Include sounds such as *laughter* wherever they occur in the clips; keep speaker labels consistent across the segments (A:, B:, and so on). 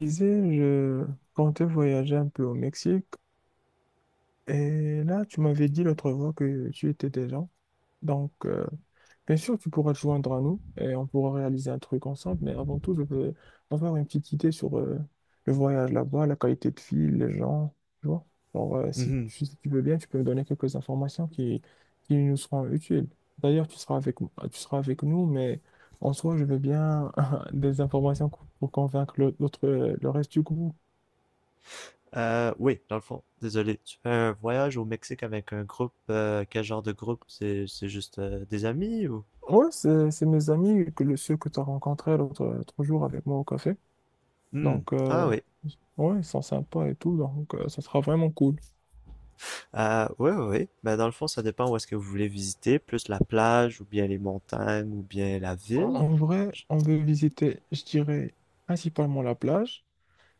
A: Disais, je comptais voyager un peu au Mexique. Et là, tu m'avais dit l'autre fois que tu étais déjà. Donc, bien sûr, tu pourras te joindre à nous et on pourra réaliser un truc ensemble. Mais avant tout, je veux avoir une petite idée sur le voyage là-bas, la qualité de vie, les gens. Tu vois? Genre, euh, si,
B: Mhm.
A: tu si tu veux bien, tu peux me donner quelques informations qui nous seront utiles. D'ailleurs, tu seras avec nous, mais en soi, je veux bien *laughs* des informations pour convaincre l'autre, le reste du groupe.
B: Oui, dans le fond, désolé. Tu fais un voyage au Mexique avec un groupe. Quel genre de groupe? C'est juste des amis ou?
A: Ouais, c'est mes amis, ceux que tu as rencontrés l'autre jour avec moi au café.
B: Hmm.
A: Donc,
B: Ah oui.
A: ouais, ils sont sympas et tout, donc ça sera vraiment cool.
B: Oui, oui, oui. Ben, dans le fond, ça dépend où est-ce que vous voulez visiter, plus la plage ou bien les montagnes ou bien la
A: En,
B: ville.
A: en vrai,
B: J-
A: on veut visiter, je dirais, principalement la plage,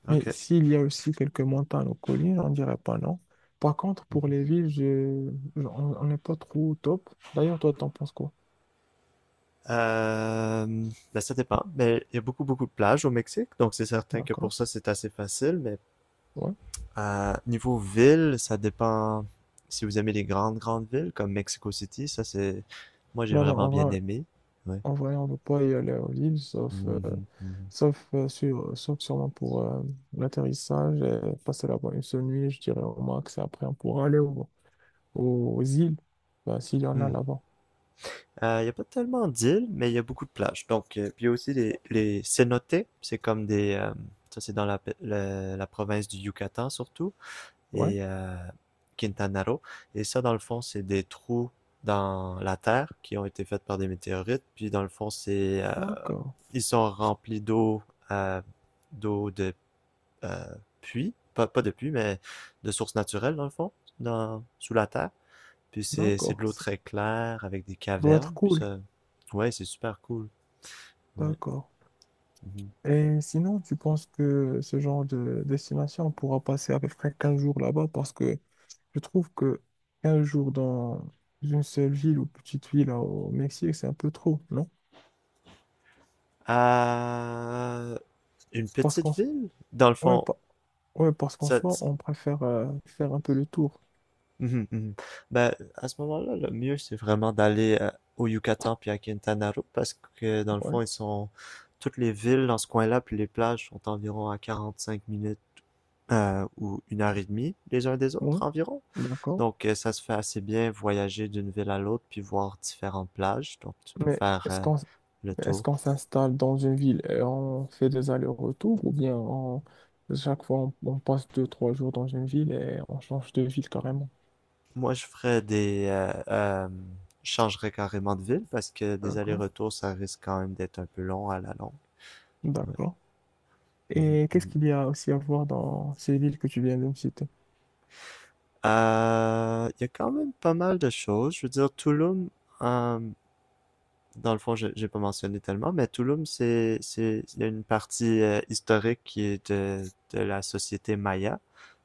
B: Ok.
A: mais s'il y a aussi quelques montagnes ou collines, on dirait pas non. Par contre, pour les villes, on n'est pas trop au top. D'ailleurs, toi, t'en penses quoi?
B: Euh, ben, ça dépend. Mais il y a beaucoup, beaucoup de plages au Mexique, donc c'est certain que pour
A: D'accord?
B: ça, c'est assez facile. Mais
A: Ouais.
B: Niveau ville, ça dépend si vous aimez les grandes, grandes villes comme Mexico City. Ça, c'est. Moi, j'ai
A: Non, non,
B: vraiment
A: en
B: bien
A: vrai,
B: aimé. Ouais.
A: En vrai, on ne peut pas y aller aux îles,
B: Mhm, mhm.
A: sauf sûrement pour l'atterrissage et passer là-bas une seule nuit, je dirais au max. Et après, on pourra aux îles, bah, s'il y en a
B: Hmm.
A: là-bas.
B: Il y a pas tellement d'îles, mais il y a beaucoup de plages. Donc, puis il y a aussi les cénotes. C'est comme des. Ça, c'est dans la province du Yucatan surtout.
A: Ouais,
B: Et Quintana Roo. Et ça, dans le fond, c'est des trous dans la terre qui ont été faits par des météorites. Puis, dans le fond, c'est
A: d'accord,
B: ils sont remplis d'eau, euh, d'eau de euh, puits, pas de puits, mais de sources naturelles, dans le fond, sous la terre. Puis, c'est
A: d'accord.
B: de l'eau
A: Ça
B: très claire avec des
A: doit être
B: cavernes. Puis,
A: cool,
B: ça, ouais, c'est super cool. Ouais.
A: d'accord.
B: Mhm.
A: Et sinon, tu penses que ce genre de destination, on pourra passer à peu près 15 jours là-bas parce que je trouve que 15 jours dans une seule ville ou petite ville au Mexique, c'est un peu trop, non?
B: Euh, une
A: Parce
B: petite
A: qu'on
B: ville, dans le
A: Ouais,
B: fond.
A: pa- Ouais, parce qu'en
B: Ça,
A: soi, on préfère faire un peu le tour.
B: Mhm, mhm. Ben, à ce moment-là, le mieux, c'est vraiment d'aller au Yucatan puis à Quintana Roo parce que dans le fond,
A: Ouais,
B: ils sont toutes les villes dans ce coin-là puis les plages sont environ à 45 minutes ou 1 h 30 les uns des
A: ouais,
B: autres environ.
A: d'accord.
B: Donc, ça se fait assez bien voyager d'une ville à l'autre puis voir différentes plages. Donc, tu peux
A: Mais
B: faire le
A: est-ce qu'on
B: tour.
A: s'installe dans une ville et on fait des allers-retours ou bien chaque fois on passe deux, trois jours dans une ville et on change de ville carrément?
B: Moi, je ferais des je changerais carrément de ville parce que des
A: D'accord,
B: allers-retours, ça risque quand même d'être un peu long à la longue. Ouais.
A: d'accord.
B: Mhm,
A: Et qu'est-ce
B: mhm.
A: qu'il y a aussi à voir dans ces villes que tu viens de me citer?
B: Il y a quand même pas mal de choses. Je veux dire, Tulum, euh, dans le fond, j'ai pas mentionné tellement, mais Tulum, il y a une partie historique qui est de la société maya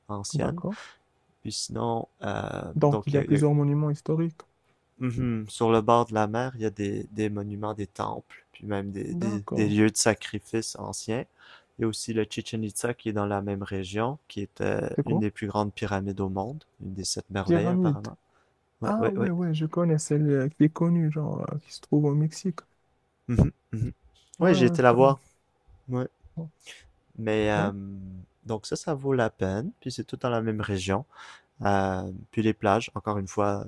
B: ancienne.
A: D'accord.
B: Puis sinon,
A: Donc,
B: donc,
A: il
B: il
A: y
B: y a,
A: a
B: il y a-
A: plusieurs monuments historiques.
B: Mhm. Sur le bord de la mer, il y a des monuments, des temples, puis même des
A: D'accord.
B: lieux de sacrifice anciens. Il y a aussi le Chichen Itza qui est dans la même région, qui est
A: C'est
B: une
A: quoi?
B: des plus grandes pyramides au monde, une des sept merveilles
A: Pyramide.
B: apparemment. Ouais,
A: Ah
B: ouais,
A: ouais,
B: ouais.
A: ouais, je connais celle qui est connue, genre, qui se trouve au Mexique.
B: Mhm, mhm. Ouais,
A: Ouais,
B: j'ai
A: ouais,
B: été
A: je
B: la
A: connais.
B: voir. Ouais. Mais
A: Ouais.
B: donc ça vaut la peine. Puis c'est tout dans la même région. Puis les plages, encore une fois,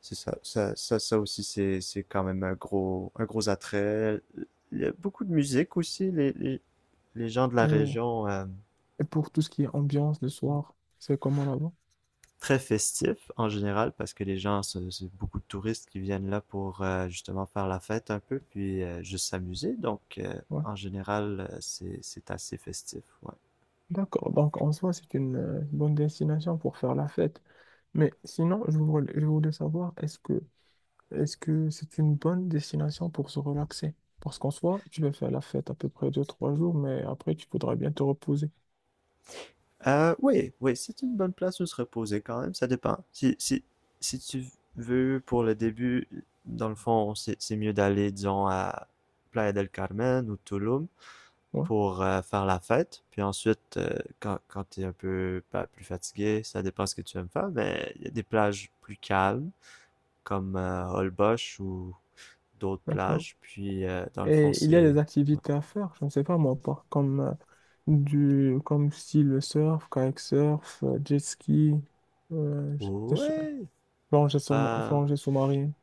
B: c'est ça aussi, c'est quand même un gros attrait. Il y a beaucoup de musique aussi. Les gens de la
A: Et,
B: région,
A: et pour tout ce qui est ambiance le soir, c'est comment là-bas?
B: très festifs en général, parce que les gens, c'est beaucoup de touristes qui viennent là pour justement faire la fête un peu, puis juste s'amuser. Donc
A: Ouais.
B: en général, c'est assez festif. Ouais.
A: D'accord. Donc, en soi, c'est une bonne destination pour faire la fête. Mais sinon, je voulais savoir, est-ce que c'est une bonne destination pour se relaxer? Parce qu'en soi, tu vas faire la fête à peu près deux, trois jours, mais après, tu voudrais bien te reposer.
B: Oui, oui, c'est une bonne place où se reposer quand même, ça dépend. Si tu veux, pour le début, dans le fond, c'est mieux d'aller, disons, à Playa del Carmen ou Tulum
A: Ouais,
B: pour faire la fête. Puis ensuite, quand t'es un peu bah, plus fatigué, ça dépend ce que tu aimes faire, mais il y a des plages plus calmes, comme Holbox ou d'autres
A: d'accord.
B: plages. Puis, dans le fond,
A: Et il y a
B: c'est.
A: des activités à faire, je ne sais pas moi, comme, comme style surf, kayak surf, jet ski, euh, je- je-
B: Ouais! Euh,
A: plongée sous-marine.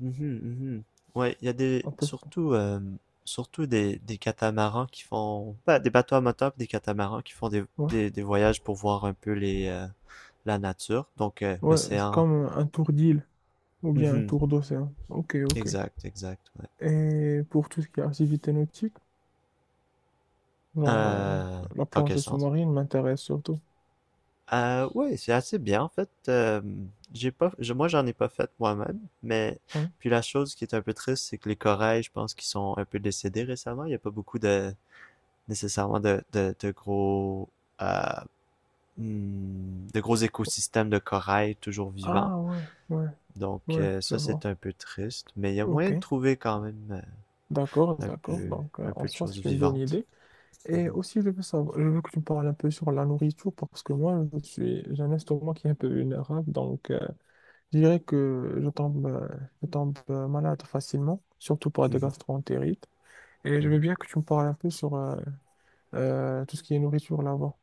B: Mhm, mhm. Ouais, il y a des
A: On peut-
B: surtout surtout des catamarans qui font bah, des bateaux à moteur puis des catamarans qui font
A: Ouais,
B: des voyages pour voir un peu les la nature, donc
A: ouais, c'est
B: l'océan.
A: comme un tour d'île ou bien un
B: Mhm.
A: tour d'océan. Ok, ok.
B: Exact, exact, ouais.
A: Et pour tout ce qui est activité nautique, genre euh,
B: Euh,
A: la
B: Dans quel
A: plongée
B: sens?
A: sous-marine m'intéresse surtout.
B: Ouais, c'est assez bien en fait. J'ai pas je- Moi, j'en ai pas fait moi-même, mais
A: Ouais.
B: puis la chose qui est un peu triste, c'est que les corails, je pense qu'ils sont un peu décédés récemment, il y a pas beaucoup de nécessairement de gros euh, de gros écosystèmes de corail toujours vivants.
A: Ah ouais, ouais,
B: Donc
A: ouais, je
B: ça, c'est
A: vois.
B: un peu triste, mais il y a
A: Ok,
B: moyen de trouver quand même
A: d'accord,
B: euh, un
A: d'accord.
B: peu,
A: Donc
B: un
A: en
B: peu de
A: soi,
B: choses
A: c'est une bonne
B: vivantes.
A: idée. Et
B: Mhm,
A: aussi, je veux savoir, je veux que tu me parles un peu sur la nourriture parce que moi, j'ai un estomac qui est un peu vulnérable. Donc, je dirais que je tombe malade facilement, surtout pour des
B: mhm,
A: gastroentérites. Et je
B: mhm.
A: veux bien que tu me parles un peu sur tout ce qui est nourriture là-bas.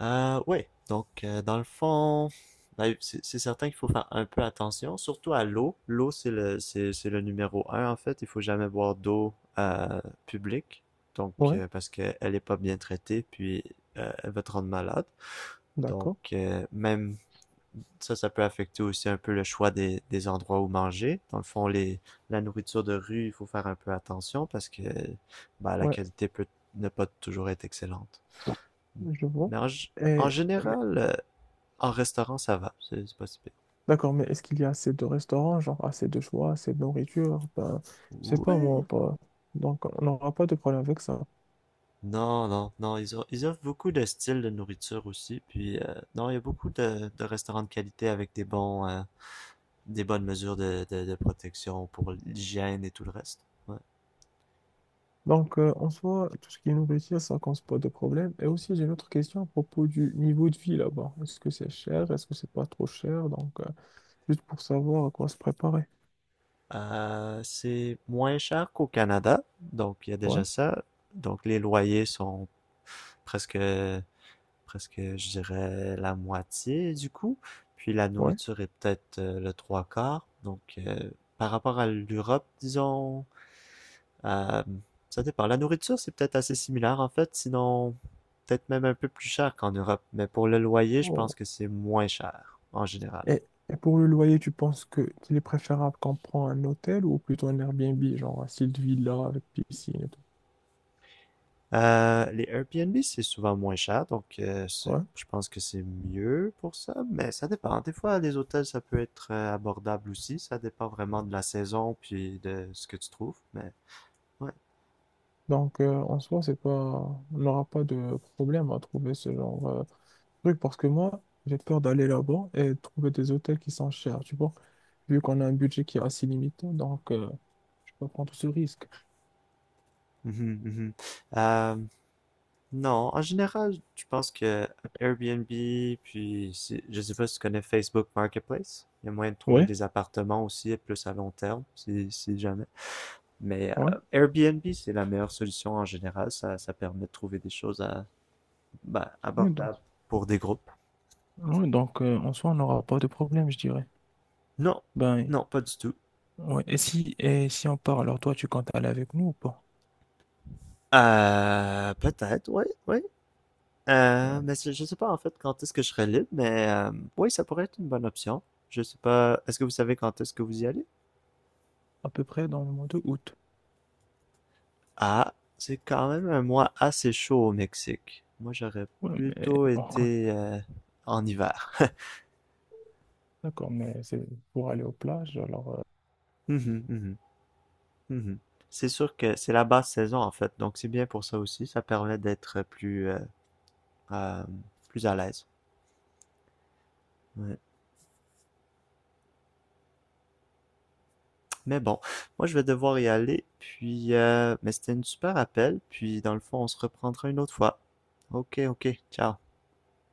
B: Oui, donc dans le fond, ben, c'est certain qu'il faut faire un peu attention, surtout à l'eau. L'eau, c'est le numéro un en fait. Il faut jamais boire d'eau publique, donc
A: Oui,
B: parce qu'elle est pas bien traitée, puis elle va te rendre malade. Donc
A: d'accord.
B: même. Ça peut affecter aussi un peu le choix des endroits où manger. Dans le fond, la nourriture de rue, il faut faire un peu attention parce que bah, la
A: Ouais,
B: qualité peut ne pas toujours être excellente.
A: je vois.
B: Mais en
A: Et,
B: général, en restaurant, ça va. C'est pas si pire.
A: d'accord, mais est-ce qu'il y a assez de restaurants, genre assez de choix, assez de nourriture? Ben, je sais pas moi,
B: Oui.
A: pas. Donc on n'aura pas de problème avec ça.
B: Non, non, non. Ils offrent beaucoup de styles de nourriture aussi. Puis, non, il y a beaucoup de restaurants de qualité avec des bonnes mesures de protection pour l'hygiène et tout le reste. Ouais.
A: Donc en soi, tout ce qui est nourriture, ça cause pas de problème. Et aussi, j'ai une autre question à propos du niveau de vie là-bas. Est-ce que c'est cher? Est-ce que c'est pas trop cher? Donc juste pour savoir à quoi se préparer.
B: C'est moins cher qu'au Canada, donc il y a
A: Ouais,
B: déjà ça. Donc les loyers sont presque, presque, je dirais, la moitié du coût. Puis la
A: ouais.
B: nourriture est peut-être le trois quarts. Donc par rapport à l'Europe, disons, euh, ça dépend. La nourriture, c'est peut-être assez similaire en fait, sinon peut-être même un peu plus cher qu'en Europe. Mais pour le loyer, je pense
A: Oh.
B: que c'est moins cher en général.
A: Et, et pour le loyer, tu penses que qu'il est préférable qu'on prend un hôtel ou plutôt un Airbnb, genre un style de villa avec piscine et tout?
B: Les Airbnb, c'est souvent moins cher, donc
A: Ouais.
B: je pense que c'est mieux pour ça, mais ça dépend. Des fois, les hôtels, ça peut être abordable aussi. Ça dépend vraiment de la saison puis de ce que tu trouves, mais ouais.
A: Donc, en soi, c'est pas, on n'aura pas de problème à trouver ce genre de truc parce que moi, j'ai peur d'aller là-bas et de trouver des hôtels qui sont chers, tu vois, vu qu'on a un budget qui est assez limité, donc je peux pas prendre ce risque.
B: Mhm, mhm. Euh, non, en général, je pense que Airbnb, puis si- je sais pas si tu connais Facebook Marketplace. Il y a moyen de trouver
A: Ouais,
B: des appartements aussi, et plus à long terme, si jamais. Mais
A: ouais,
B: Airbnb, c'est la meilleure solution en général. Ça permet de trouver des choses à ben,
A: ouais, donc,
B: abordable pour des groupes.
A: ouais, donc en soi, on n'aura pas de problème, je dirais.
B: Non,
A: Ben,
B: non, pas du tout.
A: ouais, et si on part, alors toi, tu comptes aller avec nous ou pas?
B: Peut-être, oui, oui.
A: Ben,
B: Mais je sais pas en fait quand est-ce que je serai libre, mais oui, ça pourrait être une bonne option. Je sais pas, est-ce que vous savez quand est-ce que vous y allez?
A: à peu près dans le mois de août.
B: Ah, c'est quand même un mois assez chaud au Mexique. Moi, j'aurais
A: Ouais, mais
B: plutôt
A: on compte.
B: été en hiver.
A: D'accord, mais c'est pour aller aux plages, alors.
B: Mhm, mhm, mhm. C'est sûr que c'est la basse saison en fait, donc c'est bien pour ça aussi. Ça permet d'être euh, plus à l'aise. Ouais. Mais bon, moi je vais devoir y aller, puis mais c'était une super appel, puis dans le fond on se reprendra une autre fois. Ok, ok, ciao.